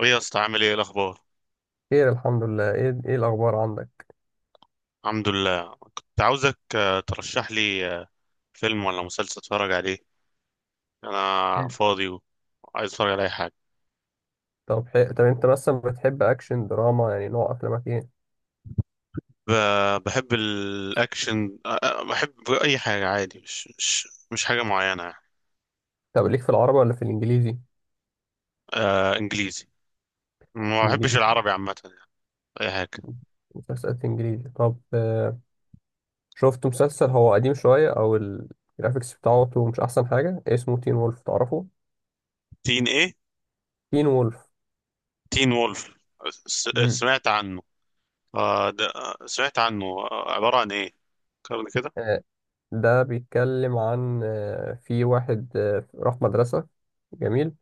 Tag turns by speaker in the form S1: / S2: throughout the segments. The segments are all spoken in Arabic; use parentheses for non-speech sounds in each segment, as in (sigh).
S1: ايه يا اسطى، عامل ايه؟ إيه الاخبار؟
S2: خير الحمد لله. ايه الاخبار عندك؟
S1: الحمد لله. كنت عاوزك ترشح لي فيلم ولا مسلسل اتفرج عليه. انا فاضي وعايز اتفرج على اي حاجه.
S2: طب انت مثلا بتحب اكشن دراما؟ يعني نوع افلامك ايه؟
S1: بحب الاكشن، بحب اي حاجه عادي، مش حاجه معينه يعني.
S2: طب ليك في العربي ولا في الانجليزي؟
S1: آه، انجليزي. ما بحبش
S2: انجليزي؟
S1: العربي عامه يعني. اي حاجه.
S2: مسلسلات انجليزي. طب شفت مسلسل هو قديم شويه او الجرافيكس بتاعته مش احسن حاجه، اسمه تين وولف، تعرفه؟
S1: تين ايه؟
S2: تين وولف.
S1: تين وولف.
S2: امم.
S1: سمعت عنه. آه، ده سمعت عنه، عباره عن ايه كده كده؟
S2: آه، ده بيتكلم عن في واحد راح مدرسة جميل.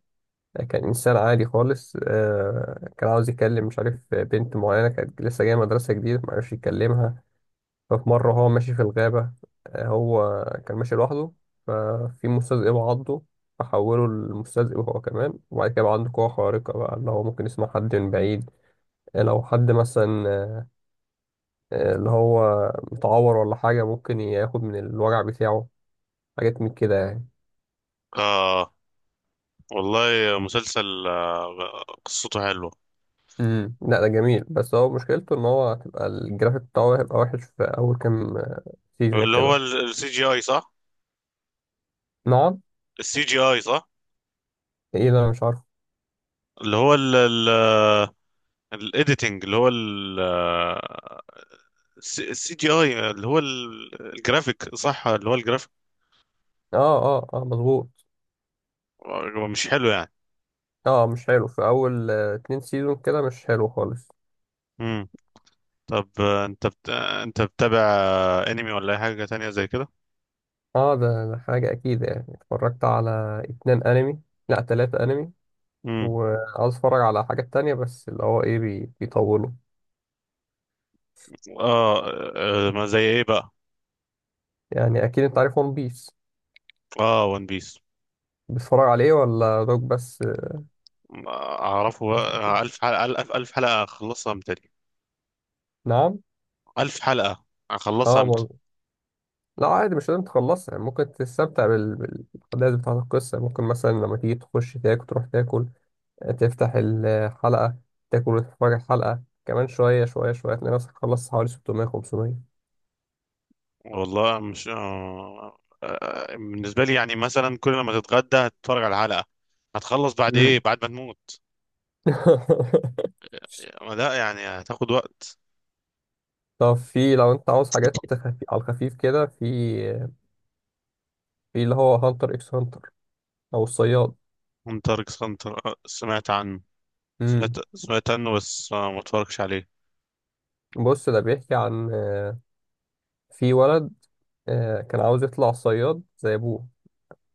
S2: كان إنسان عادي خالص، كان عاوز يكلم، مش عارف، بنت معينة كانت لسه جاية مدرسة جديدة، معرفش يكلمها. ففي مرة هو ماشي في الغابة، هو كان ماشي لوحده، ففي مستذئب عضه، فحوله لمستذئب هو كمان. وبعد كده بقى عنده قوة خارقة، بقى اللي هو ممكن يسمع حد من بعيد. لو حد مثلا اللي هو متعور ولا حاجة، ممكن ياخد من الوجع بتاعه. حاجات من كده يعني.
S1: اه، والله مسلسل قصته حلوة.
S2: امم، لا ده جميل. بس هو مشكلته ان هو هتبقى الجرافيك بتاعه هيبقى وحش في اول كام سيزون
S1: اللي هو
S2: كده.
S1: السي جي اي، صح؟
S2: نقعد.
S1: السي جي اي، صح.
S2: ايه ده، انا مش عارف.
S1: اللي هو الايديتنج، اللي هو السي جي اي، اللي هو الجرافيك، صح، اللي هو الجرافيك.
S2: اه اه اه، مظبوط.
S1: هو مش حلو يعني.
S2: اه مش حلو. في اول اتنين سيزون كده مش حلو خالص.
S1: امم، طب انت بتتابع انمي ولا اي حاجة تانية زي كده؟
S2: اه، ده حاجة اكيد. يعني اتفرجت على اتنين انمي. لا، تلاتة انمي.
S1: امم،
S2: وعاوز اتفرج على حاجة تانية، بس اللي هو ايه، بيطولوا.
S1: اه، ما زي ايه بقى؟
S2: يعني اكيد انت عارف ون بيس.
S1: اه، ون بيس
S2: بتتفرج عليه ولا دوك بس؟
S1: اعرفه. الف حلقة، الف حلقة، اخلصها متى دي؟
S2: نعم؟
S1: الف حلقة
S2: اه
S1: اخلصها.
S2: برضه. لا عادي، مش لازم تخلصها يعني. ممكن تستمتع بالاحداث بتاعة القصة. ممكن مثلا لما تيجي تخش تاكل، تروح تاكل، تفتح الحلقة، تاكل وتتفرج الحلقة، كمان شوية شوية شوية تلاقي نفسك خلصت حوالي 600، 500.
S1: والله، مش آه... آه، بالنسبة لي يعني، مثلا كل لما تتغدى هتتفرج على الحلقة، هتخلص
S2: (laughs)
S1: بعد ايه؟
S2: مم.
S1: بعد ما تموت. ما لا، يعني هتاخد وقت.
S2: طب في، لو انت عاوز على الخفيف كده، في اللي هو هانتر اكس هانتر، او الصياد.
S1: هنتر اكس هنتر، سمعت عنه.
S2: امم.
S1: سمعت عنه بس ما اتفرجش عليه.
S2: بص، ده بيحكي عن في ولد كان عاوز يطلع صياد زي ابوه.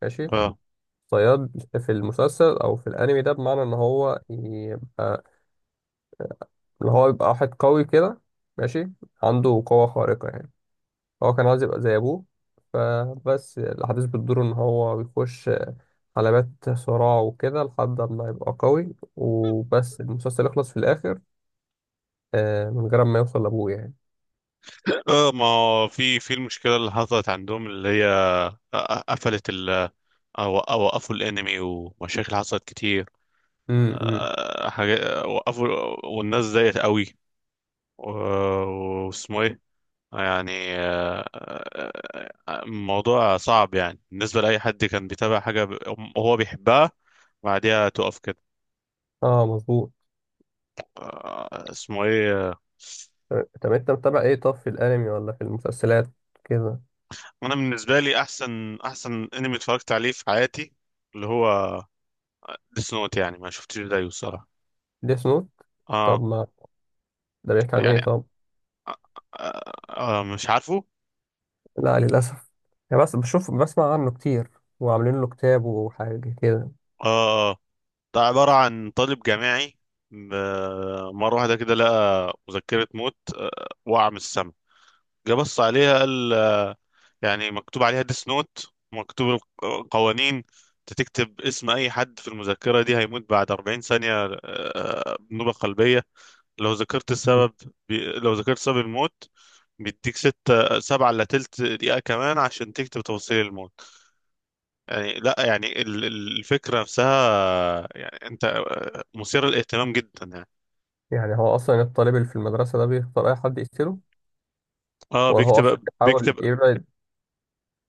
S2: ماشي.
S1: اه،
S2: صياد في المسلسل او في الانمي ده بمعنى ان هو يبقى، اللي هو يبقى واحد قوي كده. ماشي. عنده قوة خارقة يعني. هو كان عاوز يبقى زي أبوه. فبس الأحداث بتدور إن هو بيخش حلبات صراع وكده، لحد ما يبقى قوي، وبس المسلسل يخلص في الآخر من غير ما يوصل لأبوه يعني.
S1: ما هو في المشكلة اللي حصلت عندهم، اللي هي قفلت ال، وقفوا الانمي، ومشاكل حصلت كتير.
S2: امم.
S1: حاجة، وقفوا. والناس زيت قوي. و- واسمه ايه، يعني الموضوع صعب يعني بالنسبة لأي حد كان بيتابع حاجة هو بيحبها، بعديها تقف كده.
S2: اه مظبوط.
S1: اسمه ايه
S2: طب أنت متابع إيه طب، في الأنمي ولا في المسلسلات كده؟
S1: انا؟ بالنسبة لي، احسن انمي اتفرجت عليه في حياتي اللي هو ديس نوت. يعني ما شفتش زيه الصراحة.
S2: ديس نوت. طب
S1: اه.
S2: ما ده بيحكي عن إيه
S1: يعني
S2: طب؟
S1: آه مش عارفه.
S2: لا للأسف. يعني بس بشوف، بسمع عنه كتير، وعاملين له كتاب وحاجة كده.
S1: اه، آه. ده عبارة عن طالب جامعي، ب- مرة واحدة كده لقى مذكرة موت، وقع من السما. جه بص عليها قال يعني مكتوب عليها ديس نوت، مكتوب القوانين، انت تكتب اسم اي حد في المذكرة دي هيموت بعد 40 ثانية بنوبة قلبية لو ذكرت
S2: مم.
S1: السبب. لو ذكرت سبب الموت، بيديك ستة سبعة إلا تلت دقيقة كمان عشان تكتب تفاصيل الموت. يعني لا، يعني الفكرة نفسها، يعني انت مثير للاهتمام جدا يعني.
S2: يعني هو أصلا الطالب اللي في المدرسة ده بيختار أي حد يقتله،
S1: اه،
S2: وهو أصلا
S1: بيكتب بيكتب
S2: بيحاول يبعد.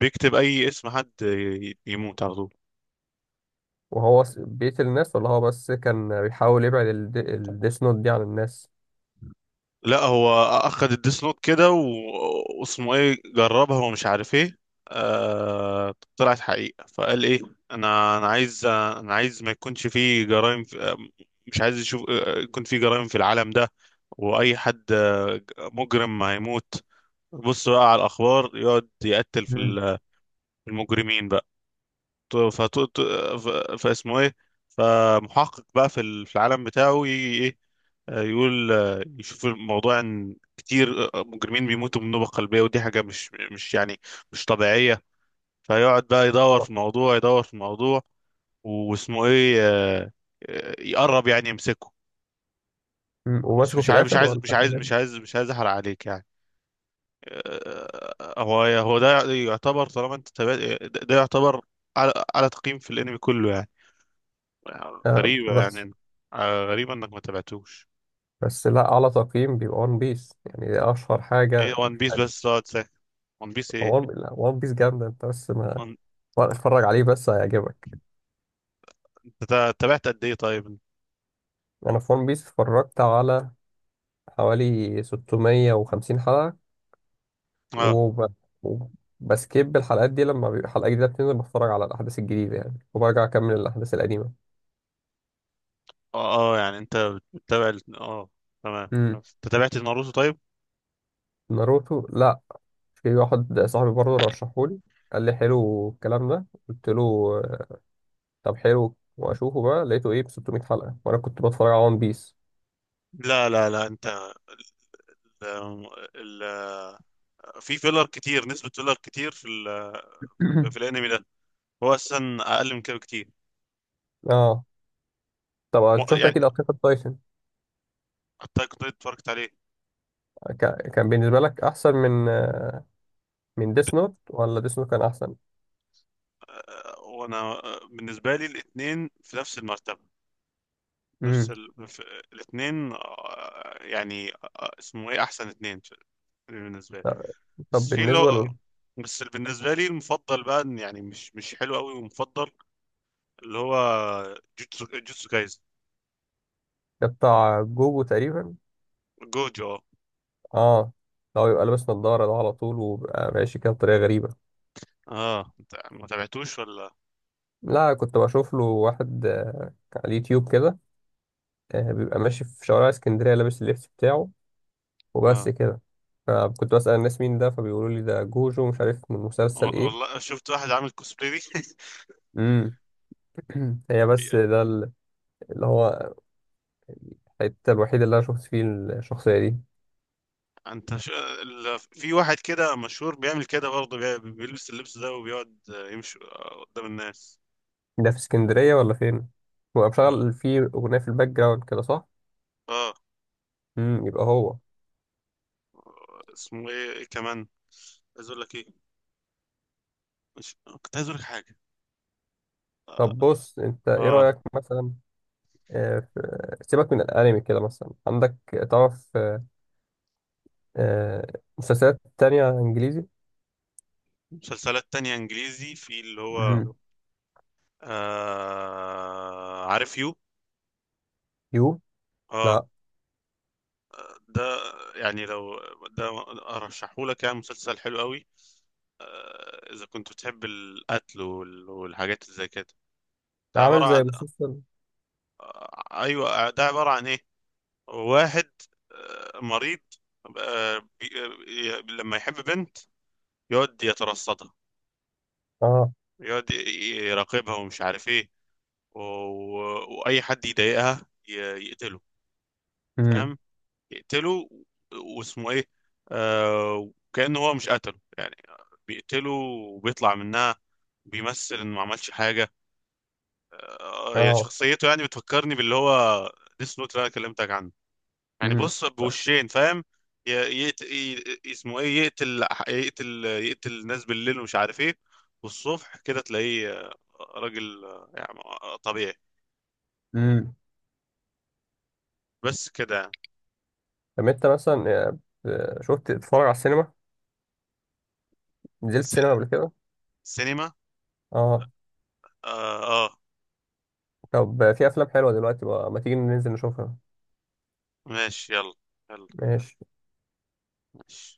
S1: بيكتب اي اسم حد يموت على طول.
S2: وهو بيقتل الناس، ولا هو بس كان بيحاول يبعد الديس نوت دي عن الناس؟
S1: لا، هو اخد الديس نوت كده، و- واسمه ايه، جربها ومش عارف ايه. طلعت حقيقة، فقال ايه، انا عايز ما يكونش فيه جرائم في... آه، مش عايز يشوف يكون فيه جرائم في العالم ده. واي حد مجرم هيموت. بص بقى على الاخبار، يقعد يقتل في
S2: مم.
S1: في المجرمين بقى. فاسمه ايه، فمحقق بقى في في العالم بتاعه، يجي ايه يقول يشوف الموضوع ان كتير مجرمين بيموتوا من نوبة قلبية، ودي حاجة مش يعني مش طبيعية. فيقعد بقى يدور في
S2: آه.
S1: الموضوع، يدور في الموضوع. واسمه ايه يقرب يعني يمسكه.
S2: مم.
S1: مش
S2: ومسكه
S1: مش
S2: في
S1: عايز مش
S2: الآخر
S1: عايز
S2: ولا
S1: مش عايز مش
S2: تمام؟
S1: عايز مش عايز احرق عليك يعني. هو ده يعتبر، طالما انت تابعت، ده ده يعتبر على على تقييم في الانمي كله يعني.
S2: آه
S1: غريبة
S2: بس.
S1: يعني، غريبة انك ما تابعتوش.
S2: بس لا، أعلى تقييم بيبقى ون بيس. يعني دي أشهر
S1: ايه
S2: حاجة،
S1: وان
S2: مش
S1: بيس؟ بس
S2: عارف.
S1: تقعد ساكت. وان بيس ايه؟
S2: لا، ون بيس جامدة، أنت بس ما اتفرج عليه، بس هيعجبك.
S1: انت تابعت قد ايه طيب؟
S2: أنا في ون بيس اتفرجت على حوالي 650 حلقة،
S1: اه،
S2: وب... وبسكيب الحلقات دي. لما بيبقى حلقة جديدة بتنزل، بتفرج على الأحداث الجديدة يعني، وبرجع أكمل الأحداث القديمة.
S1: اه، يعني انت بتتابع اه، تمام.
S2: امم.
S1: انت تابعت ناروتو طيب؟
S2: ناروتو، لا. في واحد صاحبي برضه رشحهولي، قال لي حلو الكلام ده، قلت له آه، طب حلو واشوفه. بقى لقيته ايه، ب 600 حلقه، وانا كنت بتفرج على ون بيس.
S1: لا، انت ال... ال... في فيلر كتير، نسبة فيلر كتير في في
S2: (coughs) (clears throat)
S1: الانمي ده. هو اساسا اقل من كده بكتير.
S2: اه. طبعا
S1: و-
S2: شفت
S1: يعني
S2: اكيد اتاك اون تايتن.
S1: حتى كنت اتفرجت عليه.
S2: كان بالنسبه لك احسن من من ديس نوت، ولا ديس نوت كان احسن؟
S1: وانا بالنسبة لي الاتنين في نفس المرتبة، نفس
S2: امم.
S1: الاتنين يعني اسمه ايه، احسن اتنين بالنسبة لي.
S2: طب
S1: بس في اللي
S2: بالنسبه
S1: هو،
S2: لل،
S1: بس اللي بالنسبة لي المفضل بقى إن، يعني مش حلو قوي ومفضل اللي هو، جوتسو كايز.
S2: ده بتاع جوجو تقريبا.
S1: جوجو، اه.
S2: اه. لو يبقى لابس نظاره ده على طول، وبقى ماشي كده بطريقه غريبه.
S1: اه، انت ما تابعتوش ولا؟
S2: لا، كنت بشوف له واحد على اليوتيوب كده، بيبقى ماشي في شوارع اسكندرية لابس اللبس بتاعه، وبس
S1: اه
S2: كده. فكنت بسأل الناس مين ده، فبيقولوا لي ده جوجو، مش عارف من مسلسل ايه.
S1: والله، شفت واحد عامل كوسبلاي (laughs)
S2: امم. (clears throat) هي، بس
S1: في-
S2: ده اللي هو الحتة الوحيدة اللي انا شفت فيه الشخصية دي.
S1: انت ش... في واحد كده مشهور بيعمل كده برضه، بيلبس اللبس ده وبيقعد يمشي قدام الناس.
S2: ده في اسكندرية ولا فين؟ هو
S1: اه،
S2: مشغل فيه أغنية في الباك جراوند كده، صح؟
S1: آه.
S2: امم، يبقى هو.
S1: اسمه ايه, إيه كمان عايز اقول لك؟ ايه مش... كنت عايز اقول لك حاجة.
S2: طب بص، انت ايه
S1: اه،
S2: رأيك مثلا سيبك من الانمي كده. مثلا عندك تعرف آه، مسلسلات تانية انجليزي؟
S1: مسلسلات تانية انجليزي، في اللي هو،
S2: امم.
S1: آه، عارف يو؟
S2: يو؟
S1: اه،
S2: لا.
S1: ده يعني لو ده ارشحهولك، يعني مسلسل حلو قوي آه، اذا كنت بتحب القتل والحاجات اللي زي كده.
S2: ده
S1: ده عبارة
S2: عامل زي
S1: عن
S2: مسلسل.
S1: آه، ايوه، ده عبارة عن ايه، واحد آه مريض، آه بي... لما يحب بنت يقعد يترصدها،
S2: اه.
S1: يقعد يراقبها ومش عارف ايه، و... واي حد يضايقها يقتله.
S2: امم.
S1: فاهم؟ يقتله. واسمه ايه، آه، وكأنه هو مش قتله يعني، بيقتله وبيطلع منها، بيمثل انه ما عملش حاجة. آه، يعني
S2: اه
S1: شخصيته يعني بتفكرني باللي هو ديس نوت اللي انا كلمتك عنه. يعني
S2: امم
S1: بص، بوشين، فاهم؟ اسمه ايه، يقتل الناس بالليل ومش عارف ايه، والصبح كده تلاقيه راجل يعني طبيعي.
S2: امم.
S1: بس كده يعني.
S2: طب انت مثلا شفت تتفرج على السينما؟ نزلت سينما
S1: س-
S2: قبل كده؟
S1: سينما.
S2: اه.
S1: اه, آه.
S2: طب في افلام حلوه دلوقتي بقى، ما تيجي ننزل نشوفها؟
S1: ماشي، يلا. يلا.
S2: ماشي.
S1: ماشي.